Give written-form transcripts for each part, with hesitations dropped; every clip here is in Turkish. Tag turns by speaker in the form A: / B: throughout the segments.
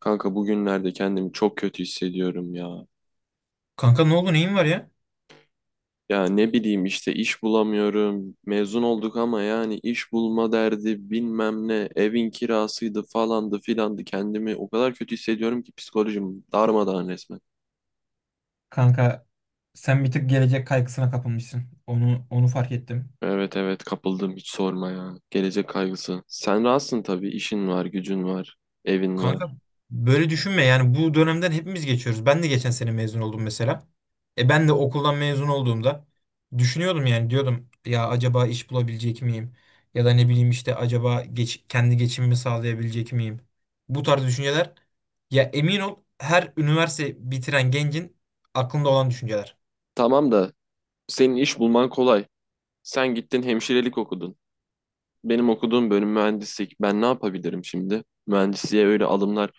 A: Kanka bugünlerde kendimi çok kötü hissediyorum ya.
B: Kanka ne oldu neyin var ya?
A: Ya ne bileyim işte iş bulamıyorum. Mezun olduk ama yani iş bulma derdi bilmem ne. Evin kirasıydı falandı filandı. Kendimi o kadar kötü hissediyorum ki psikolojim darmadağın resmen.
B: Kanka sen bir tık gelecek kaygısına kapılmışsın. Onu fark ettim.
A: Evet evet kapıldım hiç sorma ya. Gelecek kaygısı. Sen rahatsın tabii, işin var, gücün var, evin
B: Kanka
A: var.
B: böyle düşünme yani bu dönemden hepimiz geçiyoruz. Ben de geçen sene mezun oldum mesela. E ben de okuldan mezun olduğumda düşünüyordum yani diyordum ya acaba iş bulabilecek miyim? Ya da ne bileyim işte acaba kendi geçimimi sağlayabilecek miyim? Bu tarz düşünceler ya emin ol her üniversite bitiren gencin aklında olan düşünceler.
A: Tamam da senin iş bulman kolay. Sen gittin hemşirelik okudun. Benim okuduğum bölüm mühendislik. Ben ne yapabilirim şimdi? Mühendisliğe öyle alımlar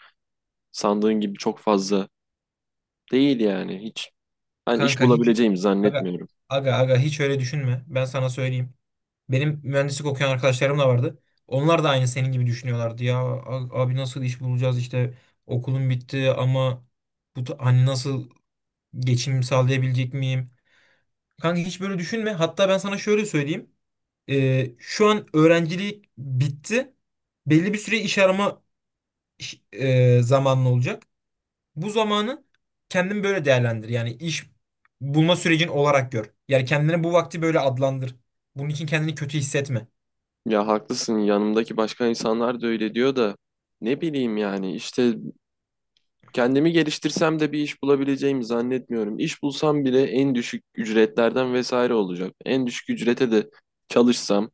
A: sandığın gibi çok fazla değil yani, hiç. Ben iş
B: Kanka hiç
A: bulabileceğimi
B: aga,
A: zannetmiyorum.
B: aga aga hiç öyle düşünme. Ben sana söyleyeyim. Benim mühendislik okuyan arkadaşlarım da vardı. Onlar da aynı senin gibi düşünüyorlardı. Ya abi nasıl iş bulacağız işte okulum bitti ama bu hani nasıl geçim sağlayabilecek miyim? Kanka hiç böyle düşünme. Hatta ben sana şöyle söyleyeyim. Şu an öğrencilik bitti. Belli bir süre iş arama zamanlı olacak. Bu zamanı kendin böyle değerlendir. Yani iş bulma sürecin olarak gör. Yani kendine bu vakti böyle adlandır. Bunun için kendini kötü hissetme.
A: Ya haklısın, yanımdaki başka insanlar da öyle diyor da ne bileyim yani işte, kendimi geliştirsem de bir iş bulabileceğimi zannetmiyorum. İş bulsam bile en düşük ücretlerden vesaire olacak. En düşük ücrete de çalışsam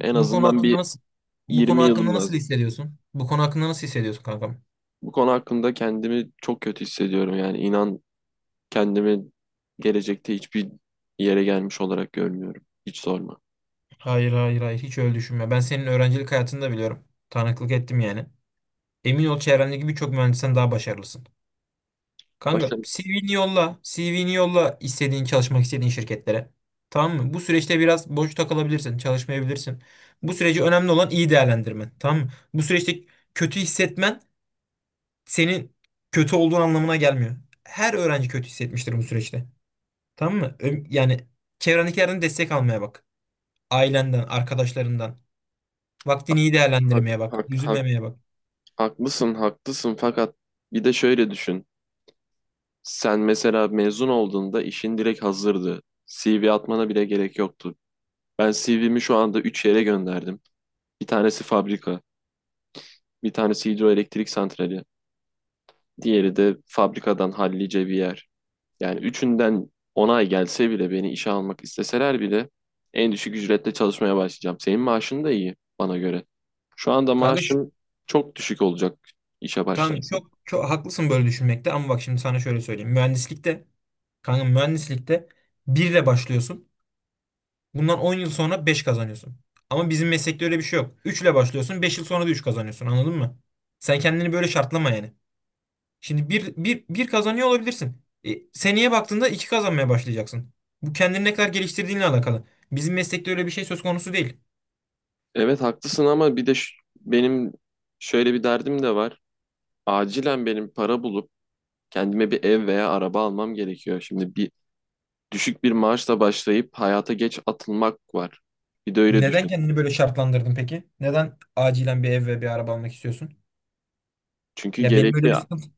A: en
B: konu
A: azından
B: hakkında
A: bir
B: nasıl Bu konu
A: 20 yılım
B: hakkında nasıl
A: lazım.
B: hissediyorsun? Bu konu hakkında nasıl hissediyorsun kankam?
A: Bu konu hakkında kendimi çok kötü hissediyorum yani, inan kendimi gelecekte hiçbir yere gelmiş olarak görmüyorum. Hiç sorma.
B: Hayır hayır hayır hiç öyle düşünme. Ben senin öğrencilik hayatını da biliyorum. Tanıklık ettim yani. Emin ol çevrendeki birçok mühendisten daha başarılısın.
A: Başka.
B: Kanka CV'ni yolla. CV'ni yolla istediğin çalışmak istediğin şirketlere. Tamam mı? Bu süreçte biraz boş takılabilirsin. Çalışmayabilirsin. Bu süreci önemli olan iyi değerlendirmen. Tamam mı? Bu süreçte kötü hissetmen senin kötü olduğun anlamına gelmiyor. Her öğrenci kötü hissetmiştir bu süreçte. Tamam mı? Yani çevrendekilerden destek almaya bak. Ailenden, arkadaşlarından. Vaktini iyi
A: Hak,
B: değerlendirmeye bak.
A: hak, hak,
B: Üzülmemeye bak.
A: Haklısın, haklısın. Fakat bir de şöyle düşün. Sen mesela mezun olduğunda işin direkt hazırdı. CV atmana bile gerek yoktu. Ben CV'mi şu anda 3 yere gönderdim. Bir tanesi fabrika, bir tanesi hidroelektrik santrali, diğeri de fabrikadan hallice bir yer. Yani üçünden onay gelse bile, beni işe almak isteseler bile en düşük ücretle çalışmaya başlayacağım. Senin maaşın da iyi bana göre. Şu anda
B: Kanka şu,
A: maaşın çok düşük olacak işe
B: tamam
A: başlarsam.
B: çok çok haklısın böyle düşünmekte ama bak şimdi sana şöyle söyleyeyim. Kanka mühendislikte 1 ile başlıyorsun. Bundan 10 yıl sonra 5 kazanıyorsun. Ama bizim meslekte öyle bir şey yok. 3 ile başlıyorsun, 5 yıl sonra da 3 kazanıyorsun. Anladın mı? Sen kendini böyle şartlama yani. Şimdi bir kazanıyor olabilirsin. Seneye baktığında 2 kazanmaya başlayacaksın. Bu kendini ne kadar geliştirdiğinle alakalı. Bizim meslekte öyle bir şey söz konusu değil.
A: Evet haklısın, ama bir de benim şöyle bir derdim de var. Acilen benim para bulup kendime bir ev veya araba almam gerekiyor. Şimdi bir düşük bir maaşla başlayıp hayata geç atılmak var. Bir de öyle
B: Neden
A: düşün.
B: kendini böyle şartlandırdın peki? Neden acilen bir ev ve bir araba almak istiyorsun?
A: Çünkü
B: Ya benim öyle
A: gerekli.
B: bir sıkıntı.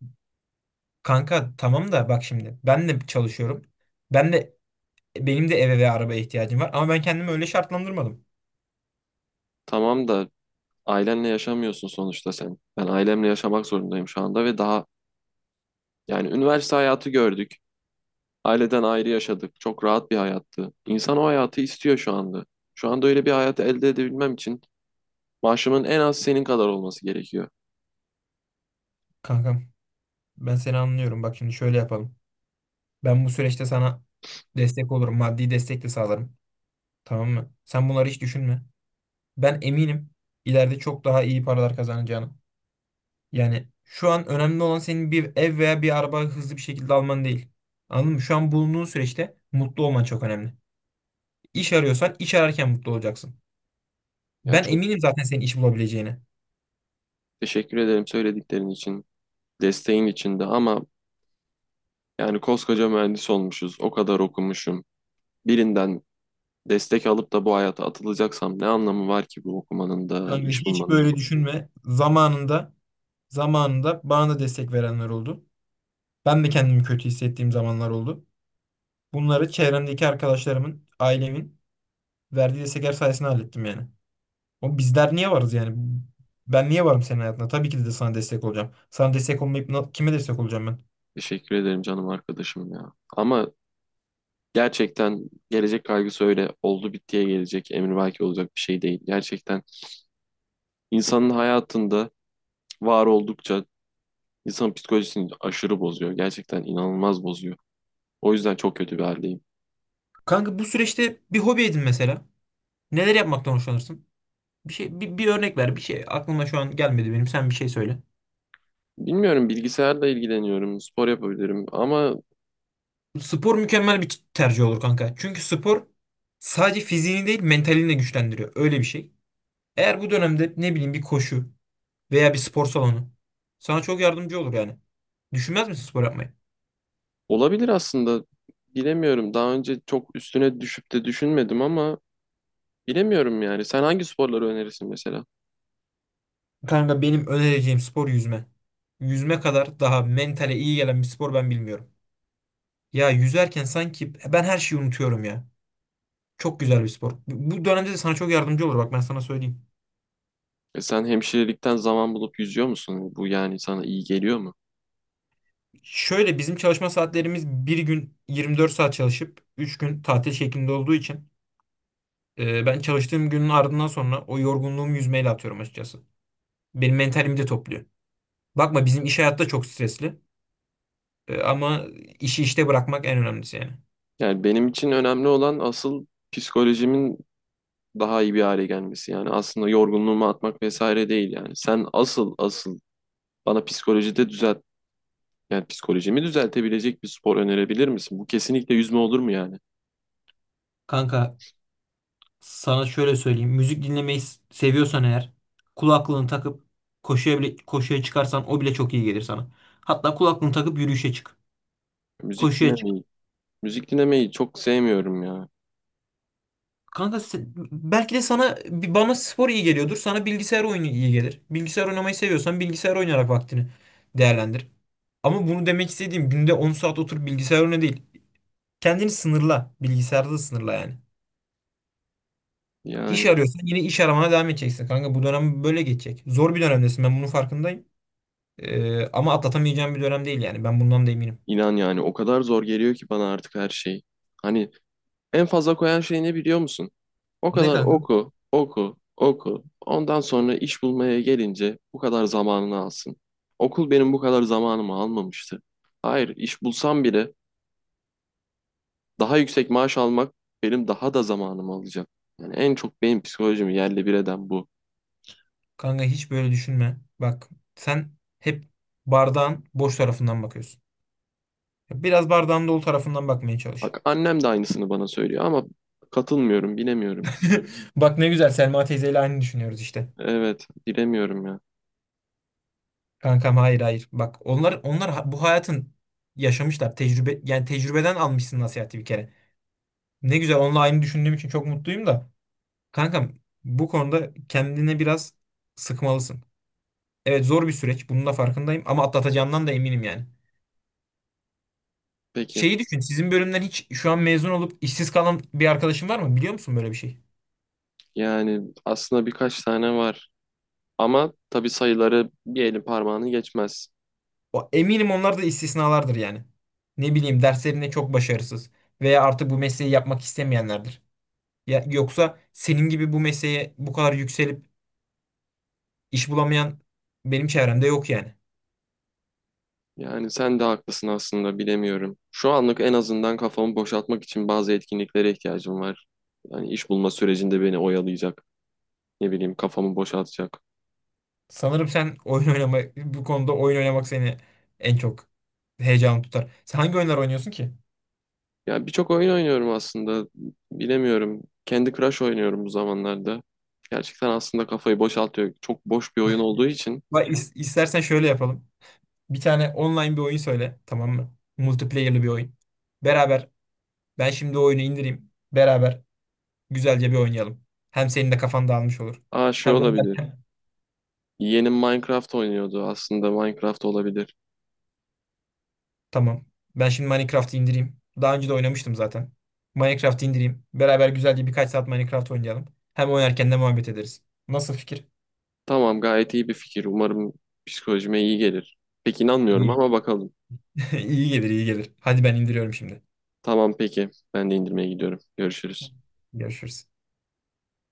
B: Kanka tamam da bak şimdi ben de çalışıyorum. Ben de Benim de eve ve arabaya ihtiyacım var. Ama ben kendimi öyle şartlandırmadım.
A: Tamam da ailenle yaşamıyorsun sonuçta sen. Ben ailemle yaşamak zorundayım şu anda ve daha, yani üniversite hayatı gördük. Aileden ayrı yaşadık. Çok rahat bir hayattı. İnsan o hayatı istiyor şu anda. Şu anda öyle bir hayat elde edebilmem için maaşımın en az senin kadar olması gerekiyor.
B: Kankam, ben seni anlıyorum. Bak şimdi şöyle yapalım. Ben bu süreçte sana destek olurum. Maddi destek de sağlarım. Tamam mı? Sen bunları hiç düşünme. Ben eminim ileride çok daha iyi paralar kazanacağını. Yani şu an önemli olan senin bir ev veya bir araba hızlı bir şekilde alman değil. Anladın mı? Şu an bulunduğun süreçte mutlu olman çok önemli. İş arıyorsan iş ararken mutlu olacaksın.
A: Ya
B: Ben
A: çok
B: eminim zaten senin iş bulabileceğine.
A: teşekkür ederim söylediklerin için, desteğin için de, ama yani koskoca mühendis olmuşuz, o kadar okumuşum. Birinden destek alıp da bu hayata atılacaksam ne anlamı var ki bu okumanın da,
B: Kanka
A: iş
B: hiç
A: bulmanın da?
B: böyle düşünme. Zamanında bana da destek verenler oldu. Ben de kendimi kötü hissettiğim zamanlar oldu. Bunları çevremdeki arkadaşlarımın, ailemin verdiği destekler sayesinde hallettim yani. O bizler niye varız yani? Ben niye varım senin hayatında? Tabii ki de sana destek olacağım. Sana destek olmayıp kime destek olacağım ben?
A: Teşekkür ederim canım arkadaşım ya. Ama gerçekten gelecek kaygısı öyle oldu bittiye gelecek, emrivaki olacak bir şey değil. Gerçekten insanın hayatında var oldukça insanın psikolojisini aşırı bozuyor. Gerçekten inanılmaz bozuyor. O yüzden çok kötü bir haldeyim.
B: Kanka bu süreçte bir hobi edin mesela. Neler yapmaktan hoşlanırsın? Bir şey bir örnek ver. Bir şey aklıma şu an gelmedi benim. Sen bir şey söyle.
A: Bilmiyorum, bilgisayarla ilgileniyorum, spor yapabilirim ama
B: Spor mükemmel bir tercih olur kanka. Çünkü spor sadece fiziğini değil mentalini de güçlendiriyor. Öyle bir şey. Eğer bu dönemde ne bileyim bir koşu veya bir spor salonu sana çok yardımcı olur yani. Düşünmez misin spor yapmayı?
A: olabilir aslında. Bilemiyorum. Daha önce çok üstüne düşüp de düşünmedim ama bilemiyorum yani. Sen hangi sporları önerirsin mesela?
B: Kanka benim önereceğim spor yüzme. Yüzme kadar daha mentale iyi gelen bir spor ben bilmiyorum. Ya yüzerken sanki ben her şeyi unutuyorum ya. Çok güzel bir spor. Bu dönemde de sana çok yardımcı olur bak ben sana söyleyeyim.
A: E sen hemşirelikten zaman bulup yüzüyor musun? Bu yani sana iyi geliyor mu?
B: Şöyle bizim çalışma saatlerimiz bir gün 24 saat çalışıp 3 gün tatil şeklinde olduğu için ben çalıştığım günün ardından sonra o yorgunluğumu yüzmeyle atıyorum açıkçası. Benim mentalimi de topluyor. Bakma bizim iş hayatta çok stresli. Ama işi bırakmak en önemlisi yani.
A: Yani benim için önemli olan asıl psikolojimin daha iyi bir hale gelmesi. Yani aslında yorgunluğumu atmak vesaire değil yani. Sen asıl asıl bana psikolojide düzelt, yani psikolojimi düzeltebilecek bir spor önerebilir misin? Bu kesinlikle yüzme olur mu yani?
B: Kanka sana şöyle söyleyeyim. Müzik dinlemeyi seviyorsan eğer kulaklığını takıp koşuya çıkarsan o bile çok iyi gelir sana. Hatta kulaklığını takıp yürüyüşe çık.
A: Müzik
B: Koşuya çık.
A: dinlemeyi, müzik dinlemeyi çok sevmiyorum ya.
B: Kanka belki de bana spor iyi geliyordur. Sana bilgisayar oyunu iyi gelir. Bilgisayar oynamayı seviyorsan bilgisayar oynayarak vaktini değerlendir. Ama bunu demek istediğim günde 10 saat otur bilgisayar oyna değil. Kendini sınırla. Bilgisayarda da sınırla yani.
A: Yani
B: İş arıyorsan yine iş aramana devam edeceksin kanka. Bu dönem böyle geçecek. Zor bir dönemdesin ben bunun farkındayım. Ama atlatamayacağım bir dönem değil yani. Ben bundan da eminim.
A: inan yani o kadar zor geliyor ki bana artık her şey. Hani en fazla koyan şey ne biliyor musun? O
B: Ne
A: kadar
B: kanka?
A: oku, oku, oku. Ondan sonra iş bulmaya gelince bu kadar zamanını alsın. Okul benim bu kadar zamanımı almamıştı. Hayır, iş bulsam bile daha yüksek maaş almak benim daha da zamanımı alacak. Yani en çok benim psikolojimi yerle bir eden bu.
B: Kanka hiç böyle düşünme. Bak sen hep bardağın boş tarafından bakıyorsun. Biraz bardağın dolu tarafından bakmaya çalış.
A: Bak annem de aynısını bana söylüyor ama katılmıyorum, bilemiyorum.
B: Bak ne güzel Selma teyzeyle aynı düşünüyoruz işte.
A: Evet, bilemiyorum ya.
B: Kankam hayır hayır. Bak bu hayatın yaşamışlar. Tecrübe yani tecrübeden almışsın nasihati bir kere. Ne güzel onunla aynı düşündüğüm için çok mutluyum da. Kankam bu konuda kendine biraz sıkmalısın. Evet zor bir süreç. Bunun da farkındayım ama atlatacağından da eminim yani.
A: Peki,
B: Şeyi düşün. Sizin bölümden hiç şu an mezun olup işsiz kalan bir arkadaşın var mı? Biliyor musun böyle bir şey?
A: yani aslında birkaç tane var ama tabii sayıları bir elin parmağını geçmez.
B: Eminim onlar da istisnalardır yani. Ne bileyim derslerinde çok başarısız veya artık bu mesleği yapmak istemeyenlerdir. Ya, yoksa senin gibi bu mesleğe bu kadar yükselip iş bulamayan benim çevremde yok yani.
A: Yani sen de haklısın aslında, bilemiyorum. Şu anlık en azından kafamı boşaltmak için bazı etkinliklere ihtiyacım var. Yani iş bulma sürecinde beni oyalayacak, ne bileyim kafamı boşaltacak.
B: Sanırım sen oyun oynama bu konuda oyun oynamak seni en çok heyecan tutar. Sen hangi oyunlar oynuyorsun ki?
A: Ya birçok oyun oynuyorum aslında, bilemiyorum. Candy Crush oynuyorum bu zamanlarda. Gerçekten aslında kafayı boşaltıyor. Çok boş bir oyun olduğu için.
B: Bak, istersen şöyle yapalım. Bir tane online bir oyun söyle, tamam mı? Multiplayer'lı bir oyun. Beraber ben şimdi o oyunu indireyim. Beraber güzelce bir oynayalım. Hem senin de kafan dağılmış olur.
A: Aa, şey
B: Hem
A: olabilir.
B: oynarken.
A: Yeğenim Minecraft oynuyordu. Aslında Minecraft olabilir.
B: Tamam. Ben şimdi Minecraft'ı indireyim. Daha önce de oynamıştım zaten. Minecraft'ı indireyim. Beraber güzelce birkaç saat Minecraft oynayalım. Hem oynarken de muhabbet ederiz. Nasıl fikir?
A: Tamam, gayet iyi bir fikir. Umarım psikolojime iyi gelir. Pek inanmıyorum
B: İyi.
A: ama bakalım.
B: iyi gelir, iyi gelir. Hadi ben indiriyorum şimdi.
A: Tamam peki. Ben de indirmeye gidiyorum. Görüşürüz.
B: Görüşürüz.